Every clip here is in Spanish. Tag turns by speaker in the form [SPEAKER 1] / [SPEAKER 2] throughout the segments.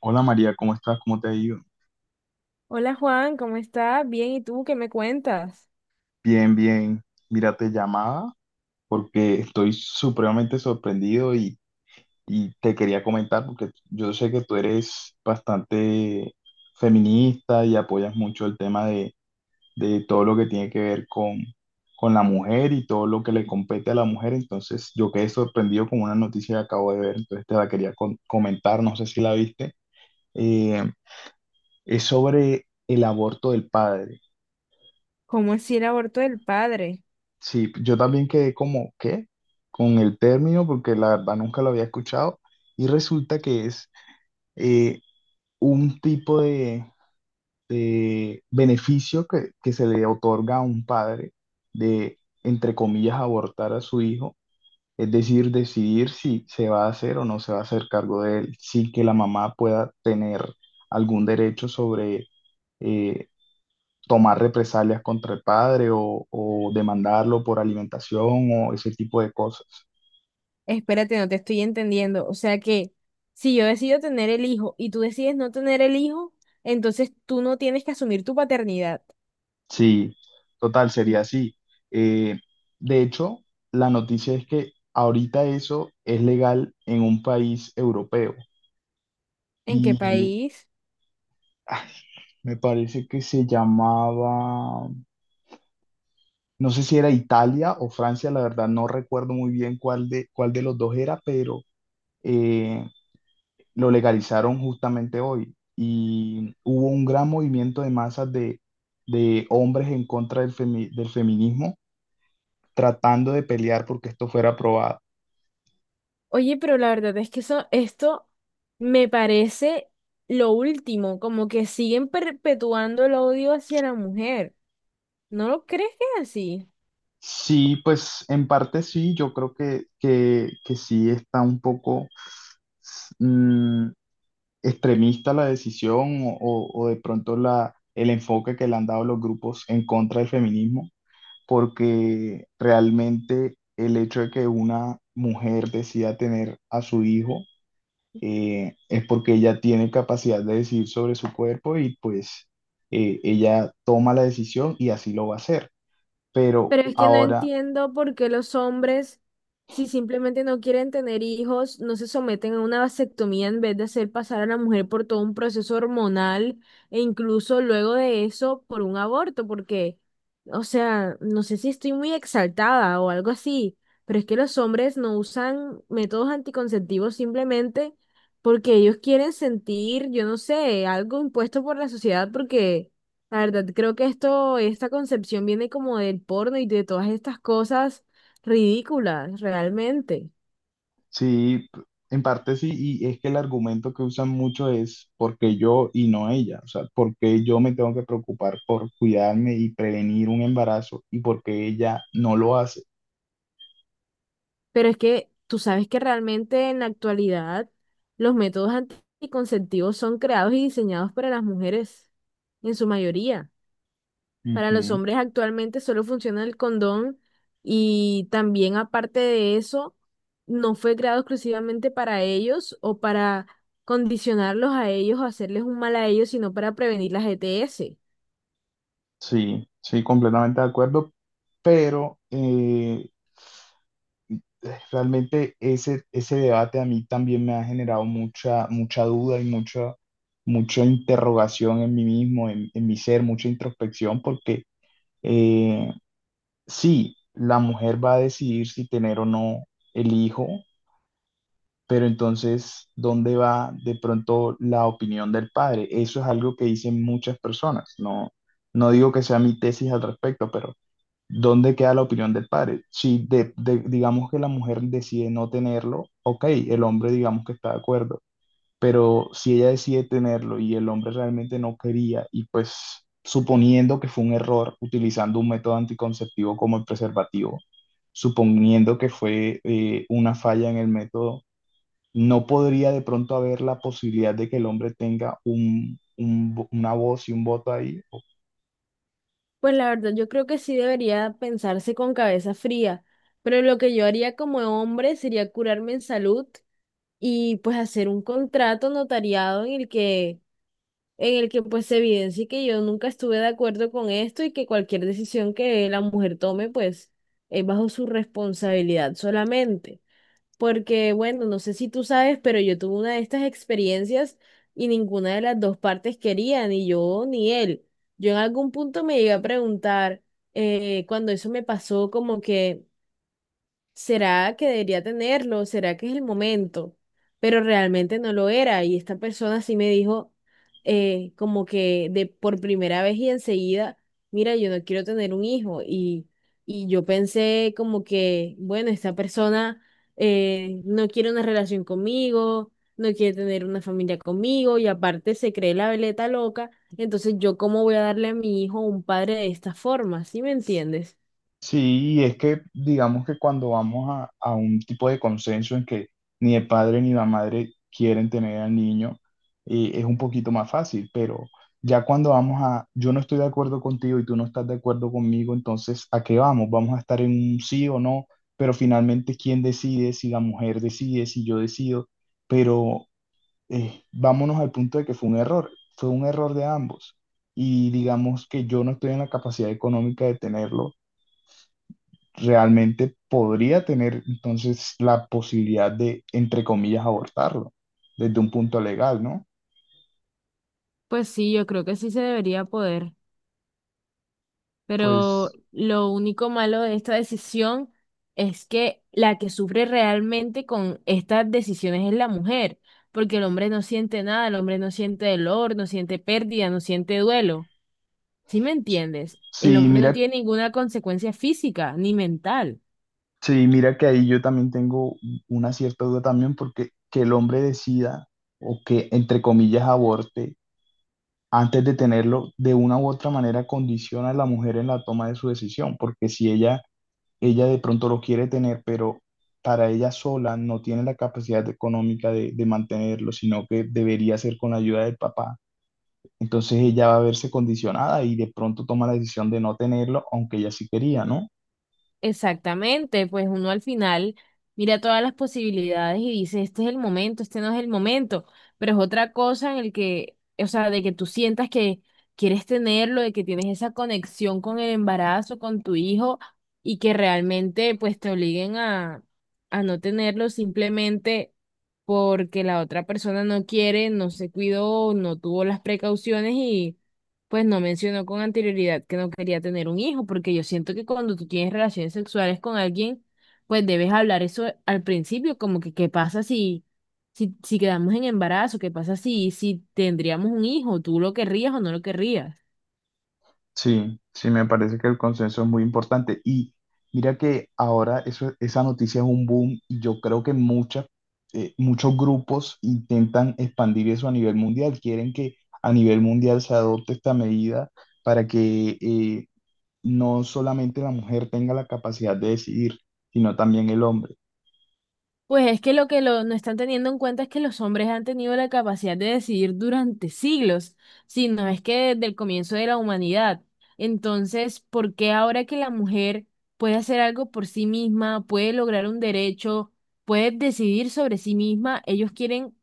[SPEAKER 1] Hola María, ¿cómo estás? ¿Cómo te ha ido?
[SPEAKER 2] Hola Juan, ¿cómo estás? Bien, ¿y tú qué me cuentas?
[SPEAKER 1] Bien, bien. Mira, te llamaba porque estoy supremamente sorprendido y te quería comentar porque yo sé que tú eres bastante feminista y apoyas mucho el tema de todo lo que tiene que ver con la mujer y todo lo que le compete a la mujer. Entonces, yo quedé sorprendido con una noticia que acabo de ver, entonces te la quería comentar, no sé si la viste. Eh, es sobre el aborto del padre.
[SPEAKER 2] ¿Cómo así el aborto del padre?
[SPEAKER 1] Sí, yo también quedé como, ¿qué? Con el término, porque la verdad nunca lo había escuchado. Y resulta que es eh, un tipo de beneficio que se le otorga a un padre de, entre comillas, abortar a su hijo. Es decir, decidir si se va a hacer o no se va a hacer cargo de él, sin que la mamá pueda tener algún derecho sobre eh, tomar represalias contra el padre o demandarlo por alimentación o ese tipo de cosas.
[SPEAKER 2] Espérate, no te estoy entendiendo. O sea que si yo decido tener el hijo y tú decides no tener el hijo, entonces tú no tienes que asumir tu paternidad.
[SPEAKER 1] Sí, total,
[SPEAKER 2] Mm.
[SPEAKER 1] sería así. Eh, de hecho, la noticia es que ahorita eso es legal en un país europeo
[SPEAKER 2] ¿En qué
[SPEAKER 1] y
[SPEAKER 2] país?
[SPEAKER 1] ay, me parece que se llamaba, no sé si era Italia o Francia, la verdad no recuerdo muy bien cuál de los dos era, pero eh, lo legalizaron justamente hoy y hubo un gran movimiento de masas de hombres en contra del, del feminismo tratando de pelear porque esto fuera aprobado.
[SPEAKER 2] Oye, pero la verdad es que eso, esto me parece lo último, como que siguen perpetuando el odio hacia la mujer. ¿No lo crees que es así?
[SPEAKER 1] Sí, pues en parte sí, yo creo que sí está un poco mm, extremista la decisión o de pronto el enfoque que le han dado los grupos en contra del feminismo, porque realmente el hecho de que una mujer decida tener a su hijo es porque ella tiene capacidad de decidir sobre su cuerpo y pues ella toma la decisión y así lo va a hacer. Pero
[SPEAKER 2] Pero es que no
[SPEAKER 1] ahora,
[SPEAKER 2] entiendo por qué los hombres, si simplemente no quieren tener hijos, no se someten a una vasectomía en vez de hacer pasar a la mujer por todo un proceso hormonal e incluso luego de eso por un aborto, porque, o sea, no sé si estoy muy exaltada o algo así, pero es que los hombres no usan métodos anticonceptivos simplemente porque ellos quieren sentir, yo no sé, algo impuesto por la sociedad porque... La verdad, creo que esto, esta concepción viene como del porno y de todas estas cosas ridículas, realmente.
[SPEAKER 1] sí, en parte sí, y es que el argumento que usan mucho es porque yo y no ella, o sea, porque yo me tengo que preocupar por cuidarme y prevenir un embarazo y porque ella no lo hace.
[SPEAKER 2] Pero es que tú sabes que realmente en la actualidad los métodos anticonceptivos son creados y diseñados para las mujeres, en su mayoría. Para los
[SPEAKER 1] Ujú.
[SPEAKER 2] hombres actualmente solo funciona el condón y también aparte de eso, no fue creado exclusivamente para ellos o para condicionarlos a ellos o hacerles un mal a ellos, sino para prevenir las ETS.
[SPEAKER 1] Sí, sí, completamente de acuerdo, pero realmente ese debate a mí también me ha generado mucha, mucha duda y mucha, mucha interrogación en mí mismo, en mi ser, mucha introspección, porque eh, sí, la mujer va a decidir si tener o no el hijo, pero entonces, ¿dónde va de pronto la opinión del padre? Eso es algo que dicen muchas personas, no, no digo que sea mi tesis al respecto, pero... ¿Dónde queda la opinión del padre? Si digamos que la mujer decide no tenerlo, ok, el hombre digamos que está de acuerdo, pero si ella decide tenerlo y el hombre realmente no quería y pues suponiendo que fue un error utilizando un método anticonceptivo como el preservativo, suponiendo que fue una falla en el método, no podría de pronto haber la posibilidad de que el hombre tenga un una voz y un voto ahí.
[SPEAKER 2] Pues la verdad, yo creo que sí debería pensarse con cabeza fría, pero lo que yo haría como hombre sería curarme en salud y pues hacer un contrato notariado en el que pues se evidencie que yo nunca estuve de acuerdo con esto y que cualquier decisión que la mujer tome pues es bajo su responsabilidad solamente. Porque, bueno, no sé si tú sabes, pero yo tuve una de estas experiencias y ninguna de las dos partes quería, ni yo ni él. Yo en algún punto me llegué a preguntar, cuando eso me pasó, como que, ¿será que debería tenerlo? ¿Será que es el momento? Pero realmente no lo era. Y esta persona sí me dijo, como que de por primera vez y enseguida, mira, yo no quiero tener un hijo. Y yo pensé como que, bueno, esta persona no quiere una relación conmigo, no quiere tener una familia conmigo y aparte se cree la veleta loca. Entonces yo cómo voy a darle a mi hijo un padre de esta forma, ¿sí me entiendes?
[SPEAKER 1] Sí, y es que digamos que cuando vamos a un tipo de consenso en que ni el padre ni la madre quieren tener al niño, es un poquito más fácil, pero ya cuando vamos a, yo no estoy de acuerdo contigo y tú no estás de acuerdo conmigo, entonces, ¿a qué vamos? ¿Vamos a estar en un sí o no? Pero finalmente, ¿quién decide? Si la mujer decide, si yo decido, pero vámonos al punto de que fue un error de ambos. Y digamos que yo no estoy en la capacidad económica de tenerlo realmente podría tener entonces la posibilidad de, entre comillas, abortarlo desde un punto legal, ¿no?
[SPEAKER 2] Pues sí, yo creo que sí se debería poder. Pero
[SPEAKER 1] Pues
[SPEAKER 2] lo único malo de esta decisión es que la que sufre realmente con estas decisiones es la mujer, porque el hombre no siente nada, el hombre no siente dolor, no siente pérdida, no siente duelo. ¿Sí me entiendes? El
[SPEAKER 1] sí,
[SPEAKER 2] hombre no
[SPEAKER 1] mira,
[SPEAKER 2] tiene ninguna consecuencia física ni mental.
[SPEAKER 1] sí, mira que ahí yo también tengo una cierta duda también porque que el hombre decida o que, entre comillas, aborte antes de tenerlo, de una u otra manera condiciona a la mujer en la toma de su decisión, porque si ella Ella de pronto lo quiere tener, pero para ella sola no tiene la capacidad económica de mantenerlo, sino que debería ser con la ayuda del papá. Entonces ella va a verse condicionada y de pronto toma la decisión de no tenerlo, aunque ella sí quería, ¿no?
[SPEAKER 2] Exactamente, pues uno al final mira todas las posibilidades y dice, este es el momento, este no es el momento, pero es otra cosa en el que, o sea, de que tú sientas que quieres tenerlo, de que tienes esa conexión con el embarazo, con tu hijo y que realmente pues te obliguen a no tenerlo simplemente porque la otra persona no quiere, no se cuidó, no tuvo las precauciones y pues no mencionó con anterioridad que no quería tener un hijo, porque yo siento que cuando tú tienes relaciones sexuales con alguien, pues debes hablar eso al principio, como que qué pasa si, si quedamos en embarazo, qué pasa si tendríamos un hijo, tú lo querrías o no lo querrías.
[SPEAKER 1] Sí, sí, me parece que el consenso es muy importante. Y mira que ahora eso, esa noticia es un boom y yo creo que muchas, muchos grupos intentan expandir eso a nivel mundial, quieren que a nivel mundial se adopte esta medida para que no solamente la mujer tenga la capacidad de decidir, sino también el hombre.
[SPEAKER 2] Pues es que no están teniendo en cuenta es que los hombres han tenido la capacidad de decidir durante siglos, si no es que desde el comienzo de la humanidad. Entonces, ¿por qué ahora que la mujer puede hacer algo por sí misma, puede lograr un derecho, puede decidir sobre sí misma, ellos quieren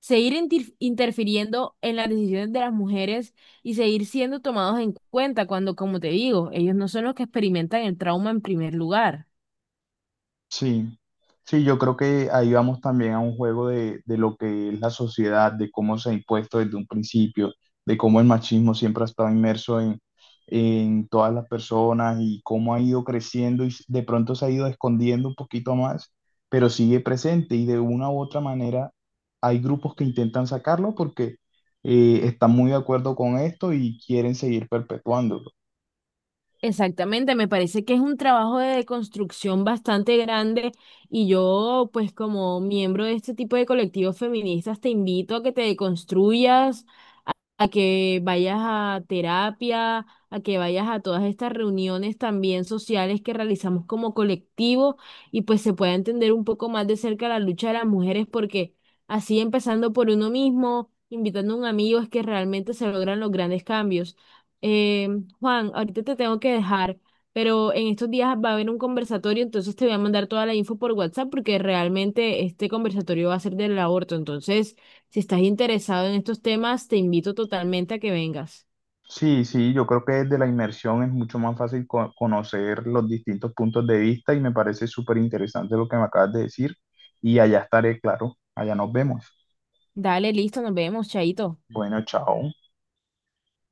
[SPEAKER 2] seguir interfiriendo en las decisiones de las mujeres y seguir siendo tomados en cuenta cuando, como te digo, ellos no son los que experimentan el trauma en primer lugar?
[SPEAKER 1] Sí, sí, yo creo que ahí vamos también a un juego de lo que es la sociedad, de cómo se ha impuesto desde un principio, de cómo el machismo siempre ha estado inmerso en todas las personas y cómo ha ido creciendo y de pronto se ha ido escondiendo un poquito más, pero sigue presente y de una u otra manera hay grupos que intentan sacarlo porque están muy de acuerdo con esto y quieren seguir perpetuando.
[SPEAKER 2] Exactamente, me parece que es un trabajo de construcción bastante grande y yo, pues como miembro de este tipo de colectivos feministas, te invito a que te deconstruyas, a que vayas a terapia, a que vayas a todas estas reuniones también sociales que realizamos como colectivo y pues se pueda entender un poco más de cerca la lucha de las mujeres porque así empezando por uno mismo, invitando a un amigo es que realmente se logran los grandes cambios. Eh, Juan, ahorita te tengo que dejar. Pero en estos días va a haber un conversatorio, entonces te voy a mandar toda la info por WhatsApp porque realmente este conversatorio va a ser del aborto. Entonces, si estás interesado en estos temas, te invito totalmente a que vengas.
[SPEAKER 1] Sí, sí, yo creo que desde la inmersión es mucho más fácil conocer los distintos puntos de vista y me parece súper interesante lo que me acabas de decir y allá estaré, claro, allá nos vemos.
[SPEAKER 2] Dale, listo, nos vemos, chaito.
[SPEAKER 1] Bueno, chao.